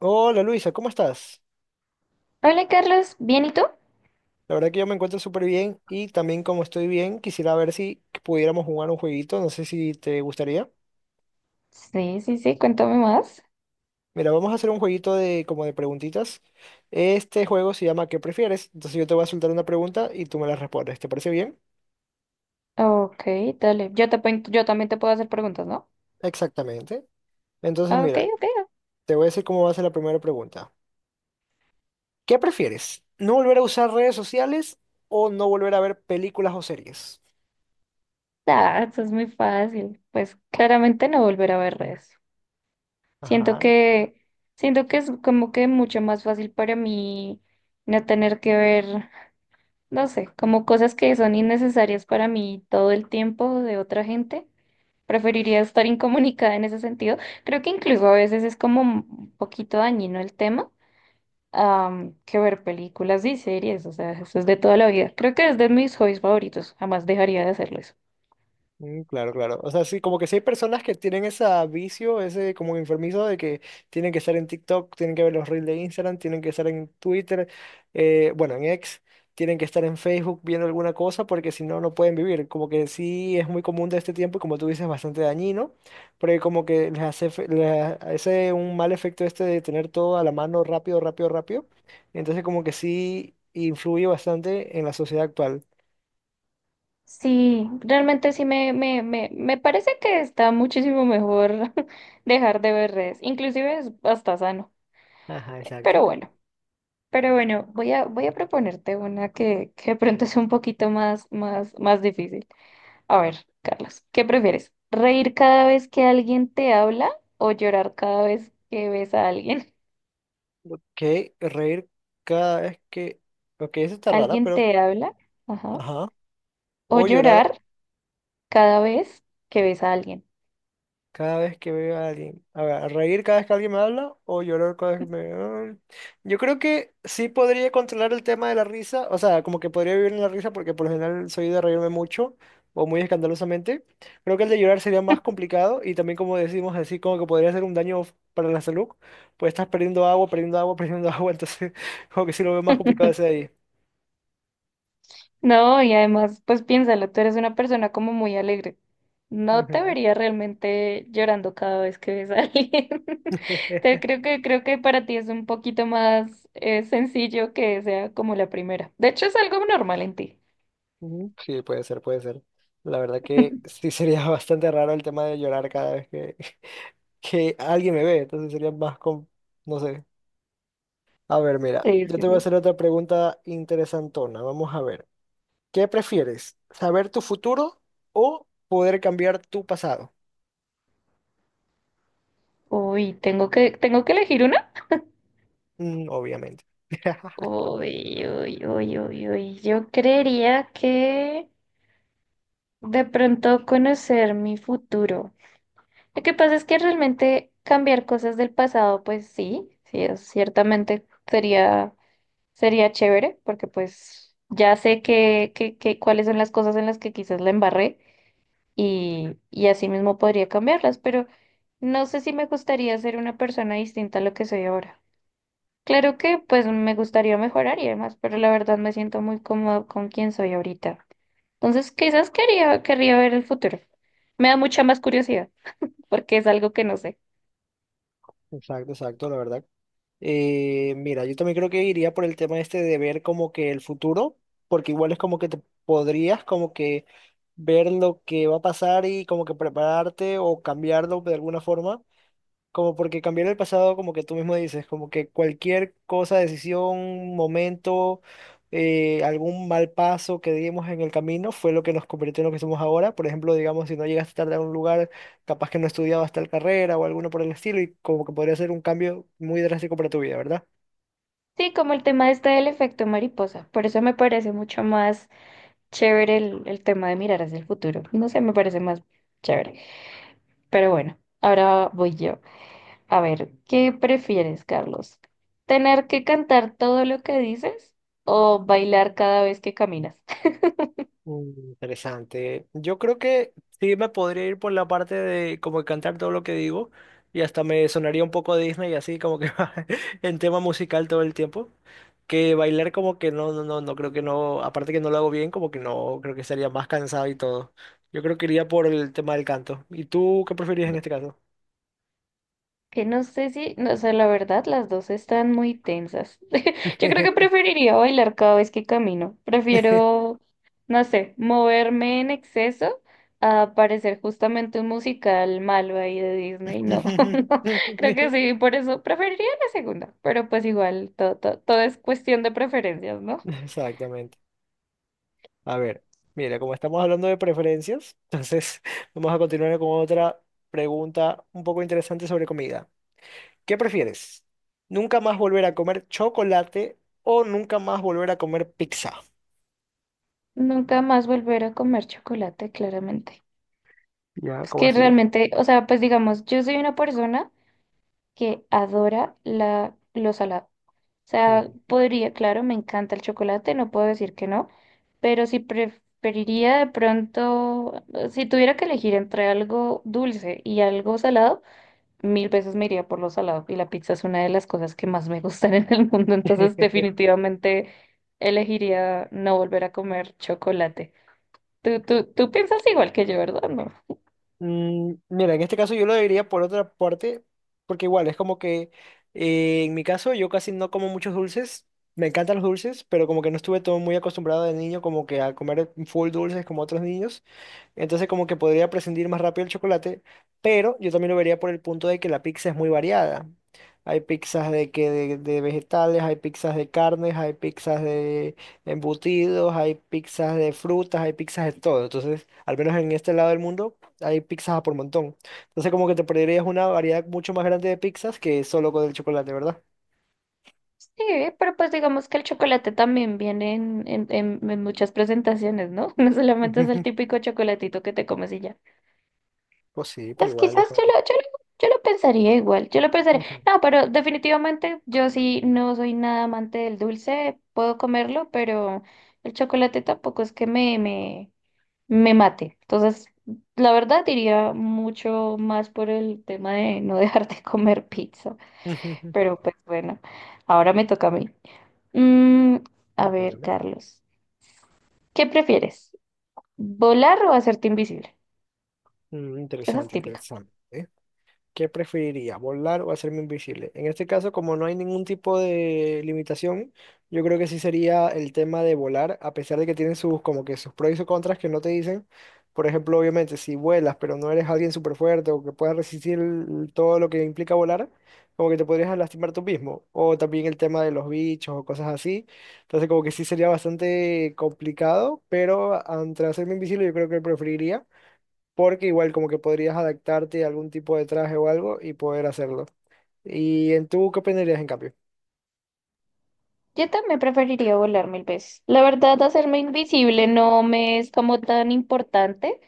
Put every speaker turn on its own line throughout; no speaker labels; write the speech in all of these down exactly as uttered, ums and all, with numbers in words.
Hola Luisa, ¿cómo estás?
Hola Carlos, ¿bien y tú?
La verdad que yo me encuentro súper bien y también como estoy bien, quisiera ver si pudiéramos jugar un jueguito, no sé si te gustaría.
Sí, sí, sí, cuéntame más.
Mira, vamos a hacer un jueguito de como de preguntitas. Este juego se llama ¿Qué prefieres? Entonces yo te voy a soltar una pregunta y tú me la respondes. ¿Te parece bien?
Ok, dale. Yo, te, pon- yo también te puedo hacer preguntas, ¿no?
Exactamente. Entonces
Ah, ok,
mira,
ok.
te voy a decir cómo va a ser la primera pregunta. ¿Qué prefieres? ¿No volver a usar redes sociales o no volver a ver películas o series?
Ah, eso es muy fácil. Pues claramente no volver a ver redes. Siento
Ajá.
que, siento que es como que mucho más fácil para mí no tener que ver, no sé, como cosas que son innecesarias para mí todo el tiempo de otra gente. Preferiría estar incomunicada en ese sentido. Creo que incluso a veces es como un poquito dañino el tema am, que ver películas y series, o sea, eso es de toda la vida. Creo que es de mis hobbies favoritos, jamás dejaría de hacerlo eso.
Mm, claro, claro. O sea, sí, como que sí hay personas que tienen ese vicio, ese como enfermizo de que tienen que estar en TikTok, tienen que ver los reels de Instagram, tienen que estar en Twitter, eh, bueno, en X, tienen que estar en Facebook viendo alguna cosa porque si no, no pueden vivir. Como que sí es muy común de este tiempo y como tú dices, bastante dañino, porque como que les hace, fe- les hace un mal efecto este de tener todo a la mano rápido, rápido, rápido. Entonces como que sí influye bastante en la sociedad actual.
Sí, realmente sí me, me, me, me parece que está muchísimo mejor dejar de ver redes, inclusive es hasta sano,
Ajá,
pero
exacto.
bueno, pero bueno, voy a, voy a proponerte una que, que de pronto es un poquito más, más, más difícil. A ver, Carlos, ¿qué prefieres? ¿Reír cada vez que alguien te habla o llorar cada vez que ves a alguien?
Ok, reír cada vez que... Ok, eso está rara,
Alguien
pero...
te habla, ajá,
Ajá.
o
O llorar
llorar cada vez que ves a alguien.
cada vez que veo a alguien. A ver, reír cada vez que alguien me habla o llorar cada vez que me... Ah, yo creo que sí podría controlar el tema de la risa. O sea, como que podría vivir en la risa porque por lo general soy de reírme mucho o muy escandalosamente. Creo que el de llorar sería más complicado y también como decimos así, como que podría ser un daño para la salud. Pues estás perdiendo agua, perdiendo agua, perdiendo agua. Entonces, como que sí lo veo más complicado ese de ahí.
No, y además, pues piénsalo, tú eres una persona como muy alegre. No te
Ujú.
vería realmente llorando cada vez que ves a alguien. te creo que Creo que para ti es un poquito más eh, sencillo que sea como la primera. De hecho, es algo normal en ti.
Ujú, sí, puede ser, puede ser. La verdad que sí sería bastante raro el tema de llorar cada vez que, que alguien me ve, entonces sería más con, no sé. A ver, mira,
Sí,
yo
sí,
te voy
sí.
a hacer otra pregunta interesantona. Vamos a ver. ¿Qué prefieres? ¿Saber tu futuro o poder cambiar tu pasado?
Uy, tengo que tengo que elegir una.
Mm, obviamente.
Uy, uy, uy, uy, uy. Yo creería que de pronto conocer mi futuro. Lo que pasa es que realmente cambiar cosas del pasado, pues sí, sí, es- ciertamente sería, sería chévere, porque pues ya sé que, que, que cuáles son las cosas en las que quizás la embarré y, y así mismo podría cambiarlas, pero no sé si me gustaría ser una persona distinta a lo que soy ahora. Claro que pues me gustaría mejorar y demás, pero la verdad me siento muy cómodo con quien soy ahorita. Entonces, quizás quería, querría ver el futuro. Me da mucha más curiosidad, porque es algo que no sé.
Exacto, exacto. La verdad. Eh, mira, yo también creo que iría por el tema este de ver como que el futuro, porque igual es como que te podrías como que ver lo que va a pasar y como que prepararte o cambiarlo de alguna forma. Como porque cambiar el pasado, como que tú mismo dices, como que cualquier cosa, decisión, momento, eh, algún mal paso que dimos en el camino fue lo que nos convirtió en lo que somos ahora. Por ejemplo, digamos, si no llegaste tarde a un lugar, capaz que no estudiabas tal carrera o alguno por el estilo, y como que podría ser un cambio muy drástico para tu vida, ¿verdad?
Sí, como el tema este del efecto mariposa. Por eso me parece mucho más chévere el, el tema de mirar hacia el futuro. No sé, me parece más chévere. Pero bueno, ahora voy yo. A ver, ¿qué prefieres, Carlos? ¿Tener que cantar todo lo que dices o bailar cada vez que caminas?
Mm, interesante. Yo creo que sí me podría ir por la parte de como cantar todo lo que digo y hasta me sonaría un poco Disney así como que en tema musical todo el tiempo. Que bailar como que no, no, no, no creo que no, aparte que no lo hago bien, como que no, creo que estaría más cansado y todo. Yo creo que iría por el tema del canto. ¿Y tú qué preferirías en este caso?
Que No sé si, no, o sea, la verdad, las dos están muy tensas. Yo creo que preferiría bailar cada vez que camino. Prefiero, no sé, moverme en exceso a parecer justamente un musical malo ahí de Disney. No, no, creo que sí, por eso preferiría la segunda. Pero pues igual, todo, todo, todo es cuestión de preferencias, ¿no?
Exactamente. A ver, mira, como estamos hablando de preferencias, entonces vamos a continuar con otra pregunta un poco interesante sobre comida. ¿Qué prefieres? ¿Nunca más volver a comer chocolate o nunca más volver a comer pizza?
Nunca más volver a comer chocolate, claramente.
Ya,
Es
¿cómo
que
así?
realmente, o sea, pues digamos, yo soy una persona que adora la, lo salado. Sea,
Ujú.
podría, claro, me encanta el chocolate, no puedo decir que no, pero si preferiría de pronto, si tuviera que elegir entre algo dulce y algo salado, mil veces me iría por lo salado. Y la pizza es una de las cosas que más me gustan en el mundo, entonces definitivamente elegiría no volver a comer chocolate. Tú, tú, tú piensas igual que yo, ¿verdad? No,
Mm, mira, en este caso yo lo diría por otra parte, porque igual es como que eh, en mi caso yo casi no como muchos dulces, me encantan los dulces, pero como que no estuve todo muy acostumbrado de niño como que a comer full dulces como otros niños. Entonces como que podría prescindir más rápido el chocolate, pero yo también lo vería por el punto de que la pizza es muy variada. Hay pizzas de que de, de vegetales, hay pizzas de carnes, hay pizzas de embutidos, hay pizzas de frutas, hay pizzas de todo. Entonces, al menos en este lado del mundo, hay pizzas a por montón. Entonces como que te perderías una variedad mucho más grande de pizzas que solo con el chocolate, ¿verdad?
sí, pero pues digamos que el chocolate también viene en, en, en- en muchas presentaciones, ¿no? No solamente es el
Ujú.
típico chocolatito que te comes y ya.
Pues sí, pero
Pues
igual
quizás
es como...
yo lo, yo lo, yo lo pensaría igual, yo lo pensaría.
Ujú.
No, pero definitivamente yo sí no soy nada amante del dulce, puedo comerlo, pero el chocolate tampoco es que me, me, me mate. Entonces, la verdad diría mucho más por el tema de no dejar de comer pizza,
Ujú.
pero pues bueno, ahora me toca a mí. Mm, a ver,
Dígame.
Carlos, ¿qué prefieres? ¿Volar o hacerte invisible?
Mm,
Esa es
interesante,
típica.
interesante. ¿Qué preferiría, volar o hacerme invisible? En este caso, como no hay ningún tipo de limitación, yo creo que sí sería el tema de volar, a pesar de que tienen sus como que sus pros y sus contras que no te dicen. Por ejemplo, obviamente, si vuelas, pero no eres alguien súper fuerte o que pueda resistir el- todo lo que implica volar, como que te podrías lastimar tú mismo. O también el tema de los bichos o cosas así. Entonces, como que sí sería bastante complicado, pero ante hacerme invisible, yo creo que preferiría porque igual como que podrías adaptarte a algún tipo de traje o algo y poder hacerlo. ¿Y en tú qué opinarías en cambio?
Yo también preferiría volar mil veces. La verdad, hacerme invisible no me es como tan importante.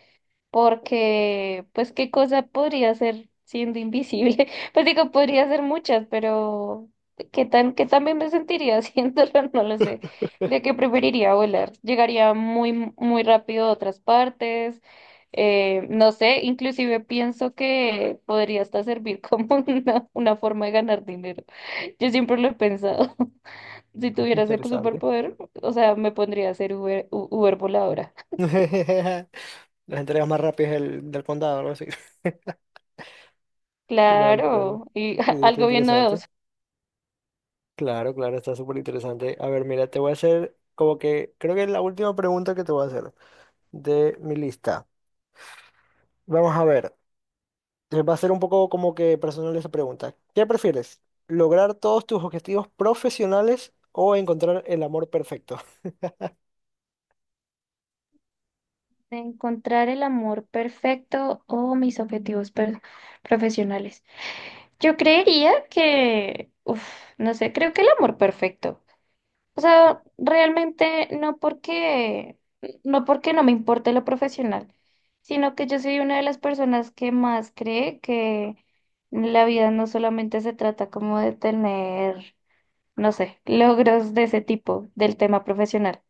Porque pues qué cosa podría ser siendo invisible. Pues digo, podría ser muchas, pero qué tan, qué tan bien me sentiría haciéndolo, no lo sé. Creo que preferiría volar. Llegaría muy, muy rápido a otras partes. Eh, no sé, inclusive pienso que podría hasta servir como una, una forma de ganar dinero. Yo siempre lo he pensado. Si tuviera ese
Interesante.
superpoder, o sea, me pondría a ser Uber, U- Uber voladora.
Las entregas más rápidas del, del condado, algo así. Cuidado de los planos.
Claro, y
Sí, está
algo bien
interesante.
novedoso.
Claro, claro, está súper interesante. A ver, mira, te voy a hacer como que creo que es la última pregunta que te voy a hacer de mi lista. Vamos a ver, eh, va a ser un poco como que personal esa pregunta. ¿Qué prefieres? ¿Lograr todos tus objetivos profesionales o encontrar el amor perfecto?
De encontrar el amor perfecto o mis objetivos per- profesionales. Yo creería que, uf, no sé, creo que el amor perfecto. O sea, realmente no porque, no porque no me importe lo profesional, sino que yo soy una de las personas que más cree que la vida no solamente se trata como de tener, no sé, logros de ese tipo del tema profesional.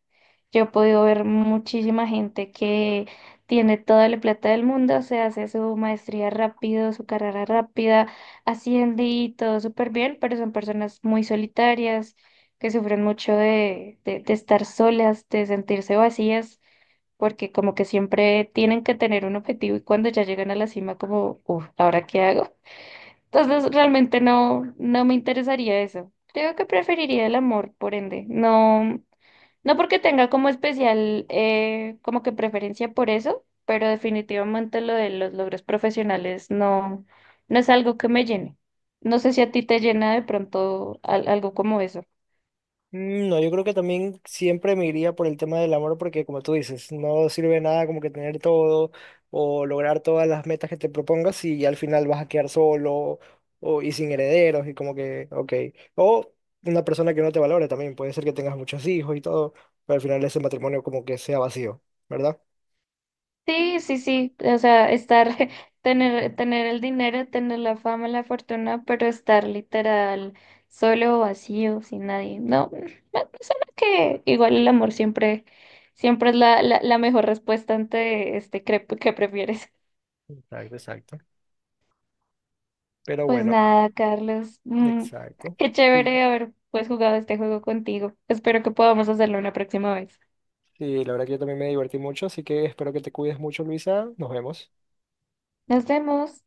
Yo he podido ver muchísima gente que tiene toda la plata del mundo, se hace su maestría rápido, su carrera rápida, asciende y todo súper bien, pero son personas muy solitarias, que sufren mucho de, de, de estar solas, de sentirse vacías, porque como que siempre tienen que tener un objetivo y cuando ya llegan a la cima como, uff, ¿ahora qué hago? Entonces realmente no, no me interesaría eso. Creo que preferiría el amor, por ende. No. No porque tenga como especial, eh, como que preferencia por eso, pero definitivamente lo de los logros profesionales no, no es algo que me llene. No sé si a ti te llena de pronto al- algo como eso.
Mm, no, yo creo que también siempre me iría por el tema del amor porque como tú dices, no sirve nada como que tener todo o lograr todas las metas que te propongas y al final vas a quedar solo o, y sin herederos y como que, ok. O una persona que no te valore también, puede ser que tengas muchos hijos y todo, pero al final ese matrimonio como que sea vacío, ¿verdad?
Sí, sí, sí, o sea, estar, tener, tener el dinero, tener la fama, la fortuna, pero estar literal solo, vacío, sin nadie. No, me suena que igual el amor siempre, siempre es la, la, la mejor respuesta ante este crep- que prefieres.
Exacto, exacto. Pero
Pues
bueno,
nada, Carlos, mm,
exacto.
qué
Y,
chévere haber pues jugado este juego contigo. Espero que podamos hacerlo una próxima vez.
y la verdad que yo también me divertí mucho, así que espero que te cuides mucho, Luisa. Nos vemos.
Nos vemos.